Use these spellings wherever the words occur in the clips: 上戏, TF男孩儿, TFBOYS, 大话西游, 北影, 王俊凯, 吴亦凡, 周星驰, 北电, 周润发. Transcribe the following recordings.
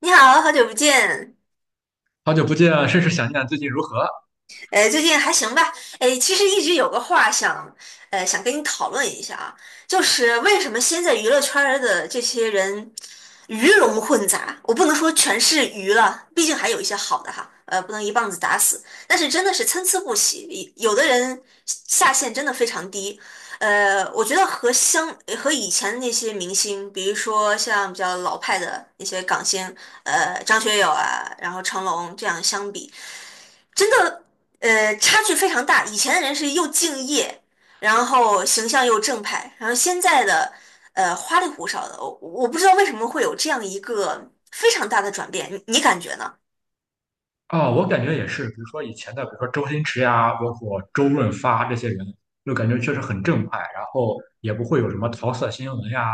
你好，好久不见。好久不见，甚是想念。最近如何？最近还行吧？哎，其实一直有个话想，跟你讨论一下啊，就是为什么现在娱乐圈儿的这些人鱼龙混杂？我不能说全是鱼了，毕竟还有一些好的哈，不能一棒子打死。但是真的是参差不齐，有的人下限真的非常低。我觉得和以前那些明星，比如说像比较老派的那些港星，张学友啊，然后成龙这样相比。真的，差距非常大。以前的人是又敬业，然后形象又正派，然后现在的，花里胡哨的。我不知道为什么会有这样一个非常大的转变，你感觉呢？啊、我感觉也是，比如说以前的，比如说周星驰呀，包括周润发这些人，就感觉确实很正派，然后也不会有什么桃色新闻呀，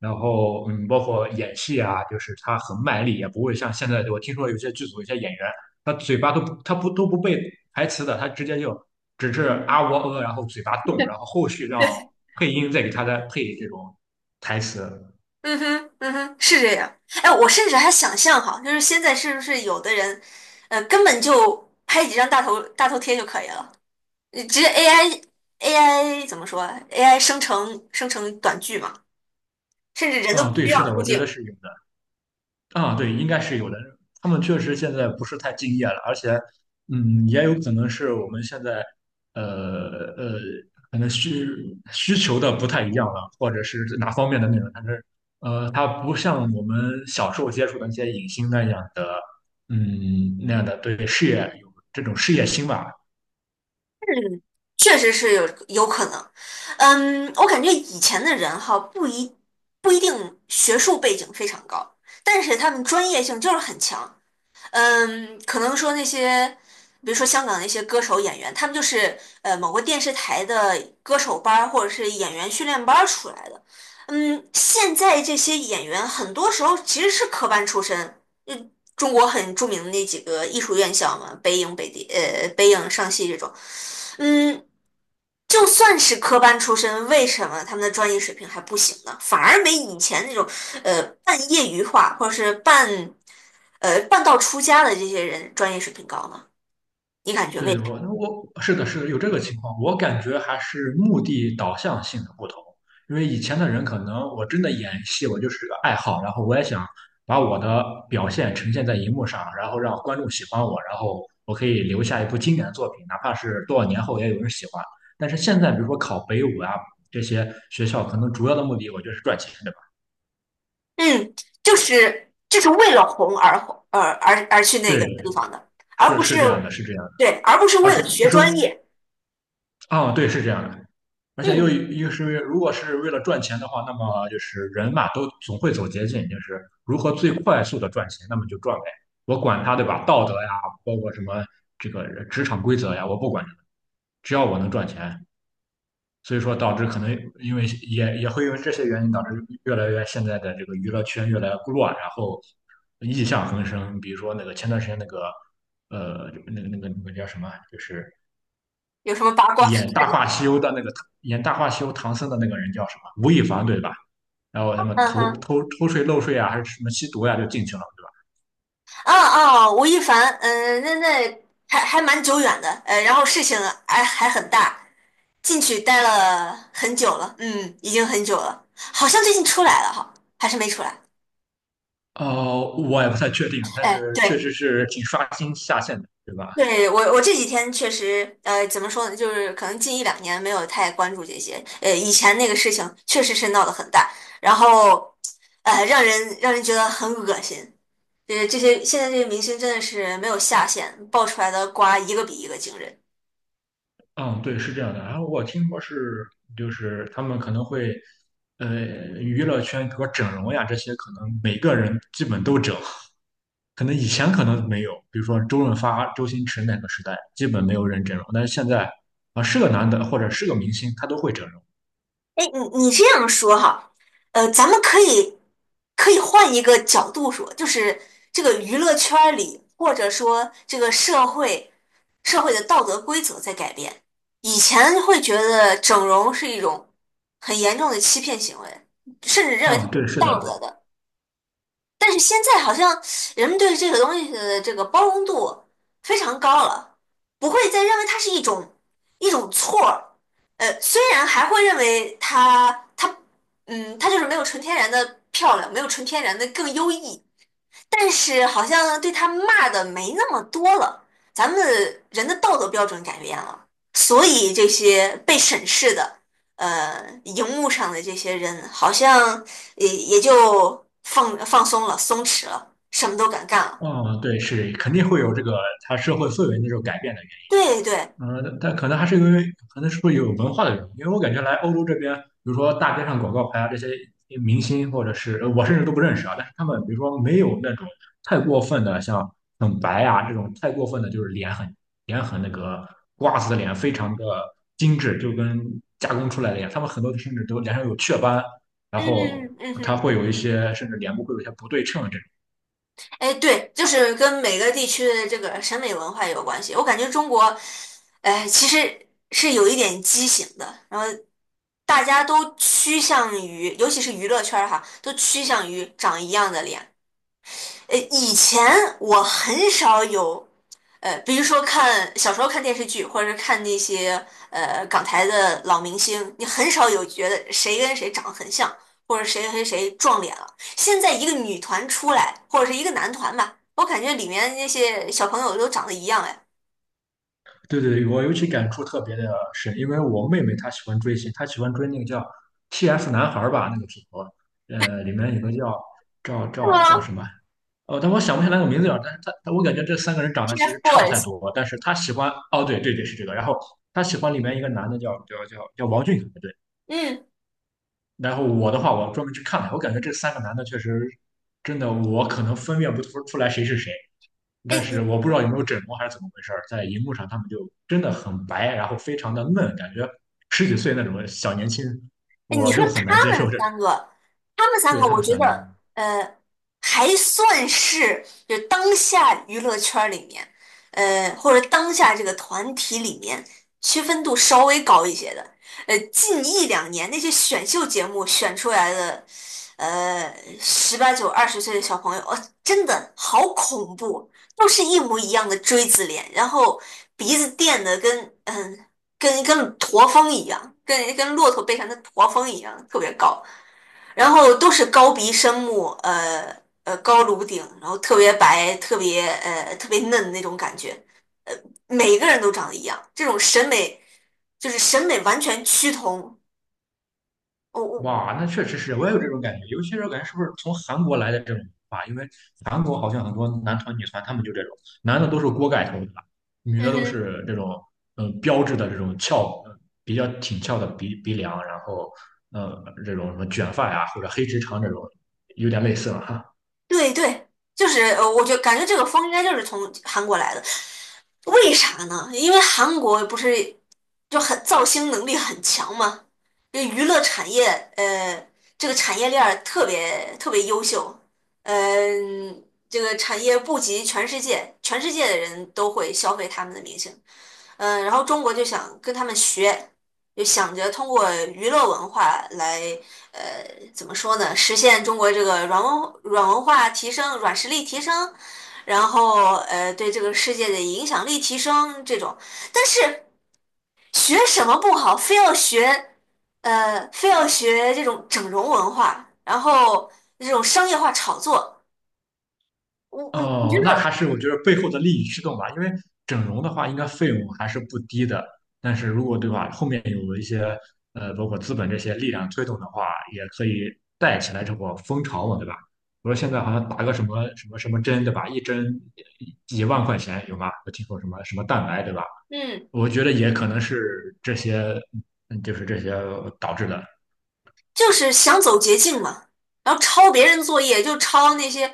然后包括演戏啊，就是他很卖力，也不会像现在我听说有些剧组有些演员，他嘴巴都不他不都不背台词的，他直接就只是啊喔呃，然后嘴巴动，然后后续让配音再给他再配这种台词。嗯哼，嗯哼，是这样。哎，我甚至还想象哈，就是现在是不是有的人，根本就拍几张大头贴就可以了，直接 AI AI 怎么说啊？AI 生成短剧嘛，甚至人都不啊、对，需是要的，出我觉得镜。是有的。啊，对，应该是有的。他们确实现在不是太敬业了，而且，也有可能是我们现在，呃呃，可能需求的不太一样了，或者是哪方面的内容，但是，他不像我们小时候接触的那些影星那样的，那样的对事业有这种事业心吧。嗯，确实是有可能。我感觉以前的人哈，不一定学术背景非常高，但是他们专业性就是很强。可能说那些，比如说香港那些歌手、演员，他们就是某个电视台的歌手班儿或者是演员训练班儿出来的。现在这些演员很多时候其实是科班出身。嗯，中国很著名的那几个艺术院校嘛，北影、北电、北影、上戏这种。嗯，就算是科班出身，为什么他们的专业水平还不行呢？反而没以前那种半业余化或者是半道出家的这些人专业水平高呢？你感觉为对，啥？我是的，是的，有这个情况。我感觉还是目的导向性的不同，因为以前的人可能我真的演戏，我就是个爱好，然后我也想把我的表现呈现在荧幕上，然后让观众喜欢我，然后我可以留下一部经典的作品，哪怕是多少年后也有人喜欢。但是现在，比如说考北舞啊这些学校，可能主要的目的我觉得是赚钱，对吧？嗯，就是为了红而红，而去那个对，地方的，而是不是是这样的，是这样的，对，而不是而为是了不学是专业。哦，对，是这样的。而且又嗯，又是因为如果是为了赚钱的话，那么就是人嘛，都总会走捷径，就是如何最快速的赚钱，那么就赚呗。我管他，对吧？道德呀，包括什么这个职场规则呀，我不管你只要我能赚钱。所以说，导致可能因为也会因为这些原因，导致越来越现在的这个娱乐圈越来越乱，然后异象横生。比如说那个前段时间那个那个叫什么，就是有什么八卦？演《大话西游》的那个演《大话西游》唐僧的那个人叫什么？吴亦凡对吧？然后他 们嗯偷哼。偷偷税漏税啊，还是什么吸毒呀、就进去了，对哦哦，吴亦凡，那还蛮久远的，然后事情啊还很大，进去待了很久了，已经很久了，好像最近出来了哈，还是没出来？吧？哦，我也不太确定，但哎，是确对实是挺刷新下限的，对吧？对，我这几天确实，怎么说呢，就是可能近一两年没有太关注这些，以前那个事情确实是闹得很大，然后，让人觉得很恶心。就是这些，现在这些明星真的是没有下限，爆出来的瓜一个比一个惊人。嗯，对，是这样的。然后我听说是，就是他们可能会，呃，娱乐圈比如说整容呀这些，可能每个人基本都整。可能以前可能没有，比如说周润发、周星驰那个时代，基本没有人整容。但是现在啊，是个男的或者是个明星，他都会整容。哎，你这样说哈，咱们可以换一个角度说，就是这个娱乐圈儿里，或者说这个社会的道德规则在改变。以前会觉得整容是一种很严重的欺骗行为，甚至认为它啊、是不对，是道德的，的。但是现在好像人们对这个东西的这个包容度非常高了，不会再认为它是一种错儿。虽然还会认为它就是没有纯天然的漂亮，没有纯天然的更优异，但是好像对他骂的没那么多了，咱们人的道德标准改变了，所以这些被审视的，荧幕上的这些人好像也就放松了，松弛了，什么都敢干了。啊、对，是肯定会有这个他社会氛围那种改变的。对对，但可能还是因为，可能是不是有文化的原因？因为我感觉来欧洲这边，比如说大街上广告牌啊，这些明星或者是我甚至都不认识啊，但是他们比如说没有那种太过分的，像很白啊这种太过分的，就是脸很那个瓜子脸，非常的精致，就跟加工出来的一样。他们很多甚至都脸上有雀斑，然后嗯嗯他哼。会有一些甚至脸部会有一些不对称这种。哎，对，就是跟每个地区的这个审美文化有关系。我感觉中国，哎，其实是有一点畸形的，然后大家都趋向于，尤其是娱乐圈儿哈，都趋向于长一样的脸。以前我很少有，比如说看小时候看电视剧，或者是看那些港台的老明星，你很少有觉得谁跟谁长得很像，或者谁跟谁撞脸了。现在一个女团出来，或者是一个男团吧，我感觉里面那些小朋友都长得一样哎。对对，我尤其感触特别的深，因为我妹妹她喜欢追星，她喜欢追那个叫 TF 男孩儿吧，那个组合，里面有个叫赵是赵叫吗什么？哦，但我想不起来那个名字了。但是她，但我感觉这三个人长得其实差不太？TFBOYS，多，但是她喜欢，哦，对对对，是这个。然后她喜欢里面一个男的叫王俊凯，对。嗯，然后我的话，我专门去看了，我感觉这三个男的确实真的，我可能分辨不出来谁是谁，但哎，你是我不知道有没有整容还是怎么回事儿，在荧幕上他们就真的很白，然后非常的嫩，感觉十几岁那种小年轻，哎，你我说就很难接他受们这种。三个，他们三对个，他我们觉三个。得呃，还算是就当下娱乐圈儿里面，或者当下这个团体里面区分度稍微高一些的。近一两年那些选秀节目选出来的，呃，十八九、20岁的小朋友，哦，真的好恐怖，都是一模一样的锥子脸，然后鼻子垫的跟跟驼峰一样，跟骆驼背上的驼峰一样，特别高。然后都是高鼻深目，高颅顶，然后特别白，特别特别嫩的那种感觉。每个人都长得一样，这种审美完全趋同。我哇，那确实是，我也有这种感觉。尤其是我感觉是不是从韩国来的这种文化。因为韩国好像很多男团、女团，他们就这种，男的都是锅盖头，对吧？女嗯的都哼。是这种，标志的这种翘，比较挺翘的鼻梁，然后，这种什么卷发呀、或者黑直长这种，有点类似了。哈。对对，就是我感觉这个风应该就是从韩国来的，为啥呢？因为韩国不是就很造星能力很强嘛，这娱乐产业呃，这个产业链儿特别特别优秀，这个产业布及全世界，全世界的人都会消费他们的明星。然后中国就想跟他们学，就想着通过娱乐文化来，呃，怎么说呢，实现中国这个软文化提升、软实力提升，然后对这个世界的影响力提升这种。但是学什么不好，非要学，非要学这种整容文化，然后这种商业化炒作，我觉哦，那得，还是我觉得背后的利益驱动吧，因为整容的话，应该费用还是不低的。但是如果对吧，后面有一些包括资本这些力量推动的话，也可以带起来这波风潮嘛，对吧？我说现在好像打个什么什么什么针，对吧？一针几万块钱有吗？我听说什么什么蛋白，对吧？嗯。我觉得也可能是这些，就是这些导致的。就是想走捷径嘛，然后抄别人作业，就抄那些，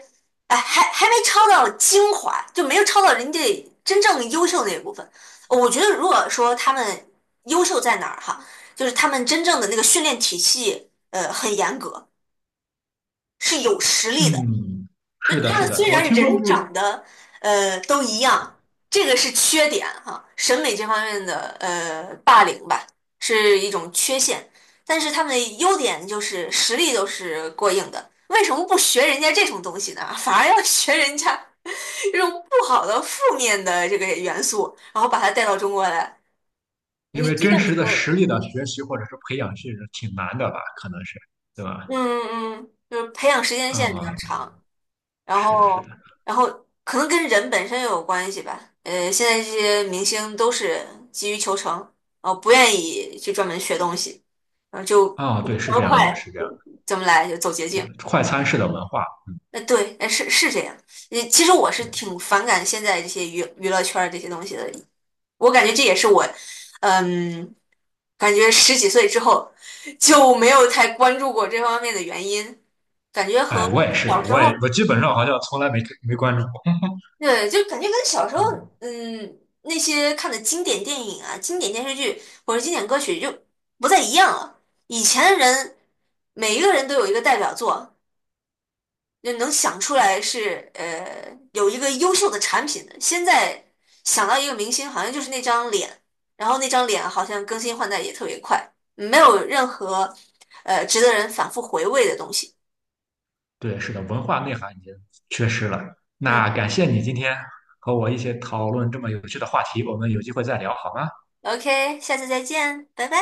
哎，还没抄到精华，就没有抄到人家真正优秀那一部分。我觉得，如果说他们优秀在哪儿哈，就是他们真正的那个训练体系，很严格，是有实力的。嗯，是的，他是们的，虽我然听说不人是长得都一样，这个是缺点哈，审美这方面的霸凌吧，是一种缺陷。但是他们的优点就是实力都是过硬的，为什么不学人家这种东西呢？反而要学人家这种不好的负面的这个元素，然后把它带到中国来。因你为就真像你实的说的，实力的学习或者是培养是挺难的吧，可能是，对吧？嗯就是培养时间线比较啊、长。然是的，是的，后，然后可能跟人本身也有关系吧。现在这些明星都是急于求成，不愿意去专门学东西，然后就啊、怎对，是这么样的，快是这样的，怎么来，就走捷对，径。快餐式的文化，那对，哎，是是这样。其实我是对，挺反感现在这些娱乐圈儿这些东西的，我感觉这也是我，嗯，感觉十几岁之后就没有太关注过这方面的原因，感觉和哎，我也小是，时我也候。我基本上好像从来没关注过，对，就感觉跟小时候，嗯，那些看的经典电影啊、经典电视剧或者经典歌曲就不再一样了。以前的人，每一个人都有一个代表作，就能想出来是有一个优秀的产品的。现在想到一个明星，好像就是那张脸，然后那张脸好像更新换代也特别快，没有任何值得人反复回味的东西。对，是的，文化内涵已经缺失了。嗯那感谢你今天和我一起讨论这么有趣的话题，我们有机会再聊好吗？，OK，下次再见，拜拜。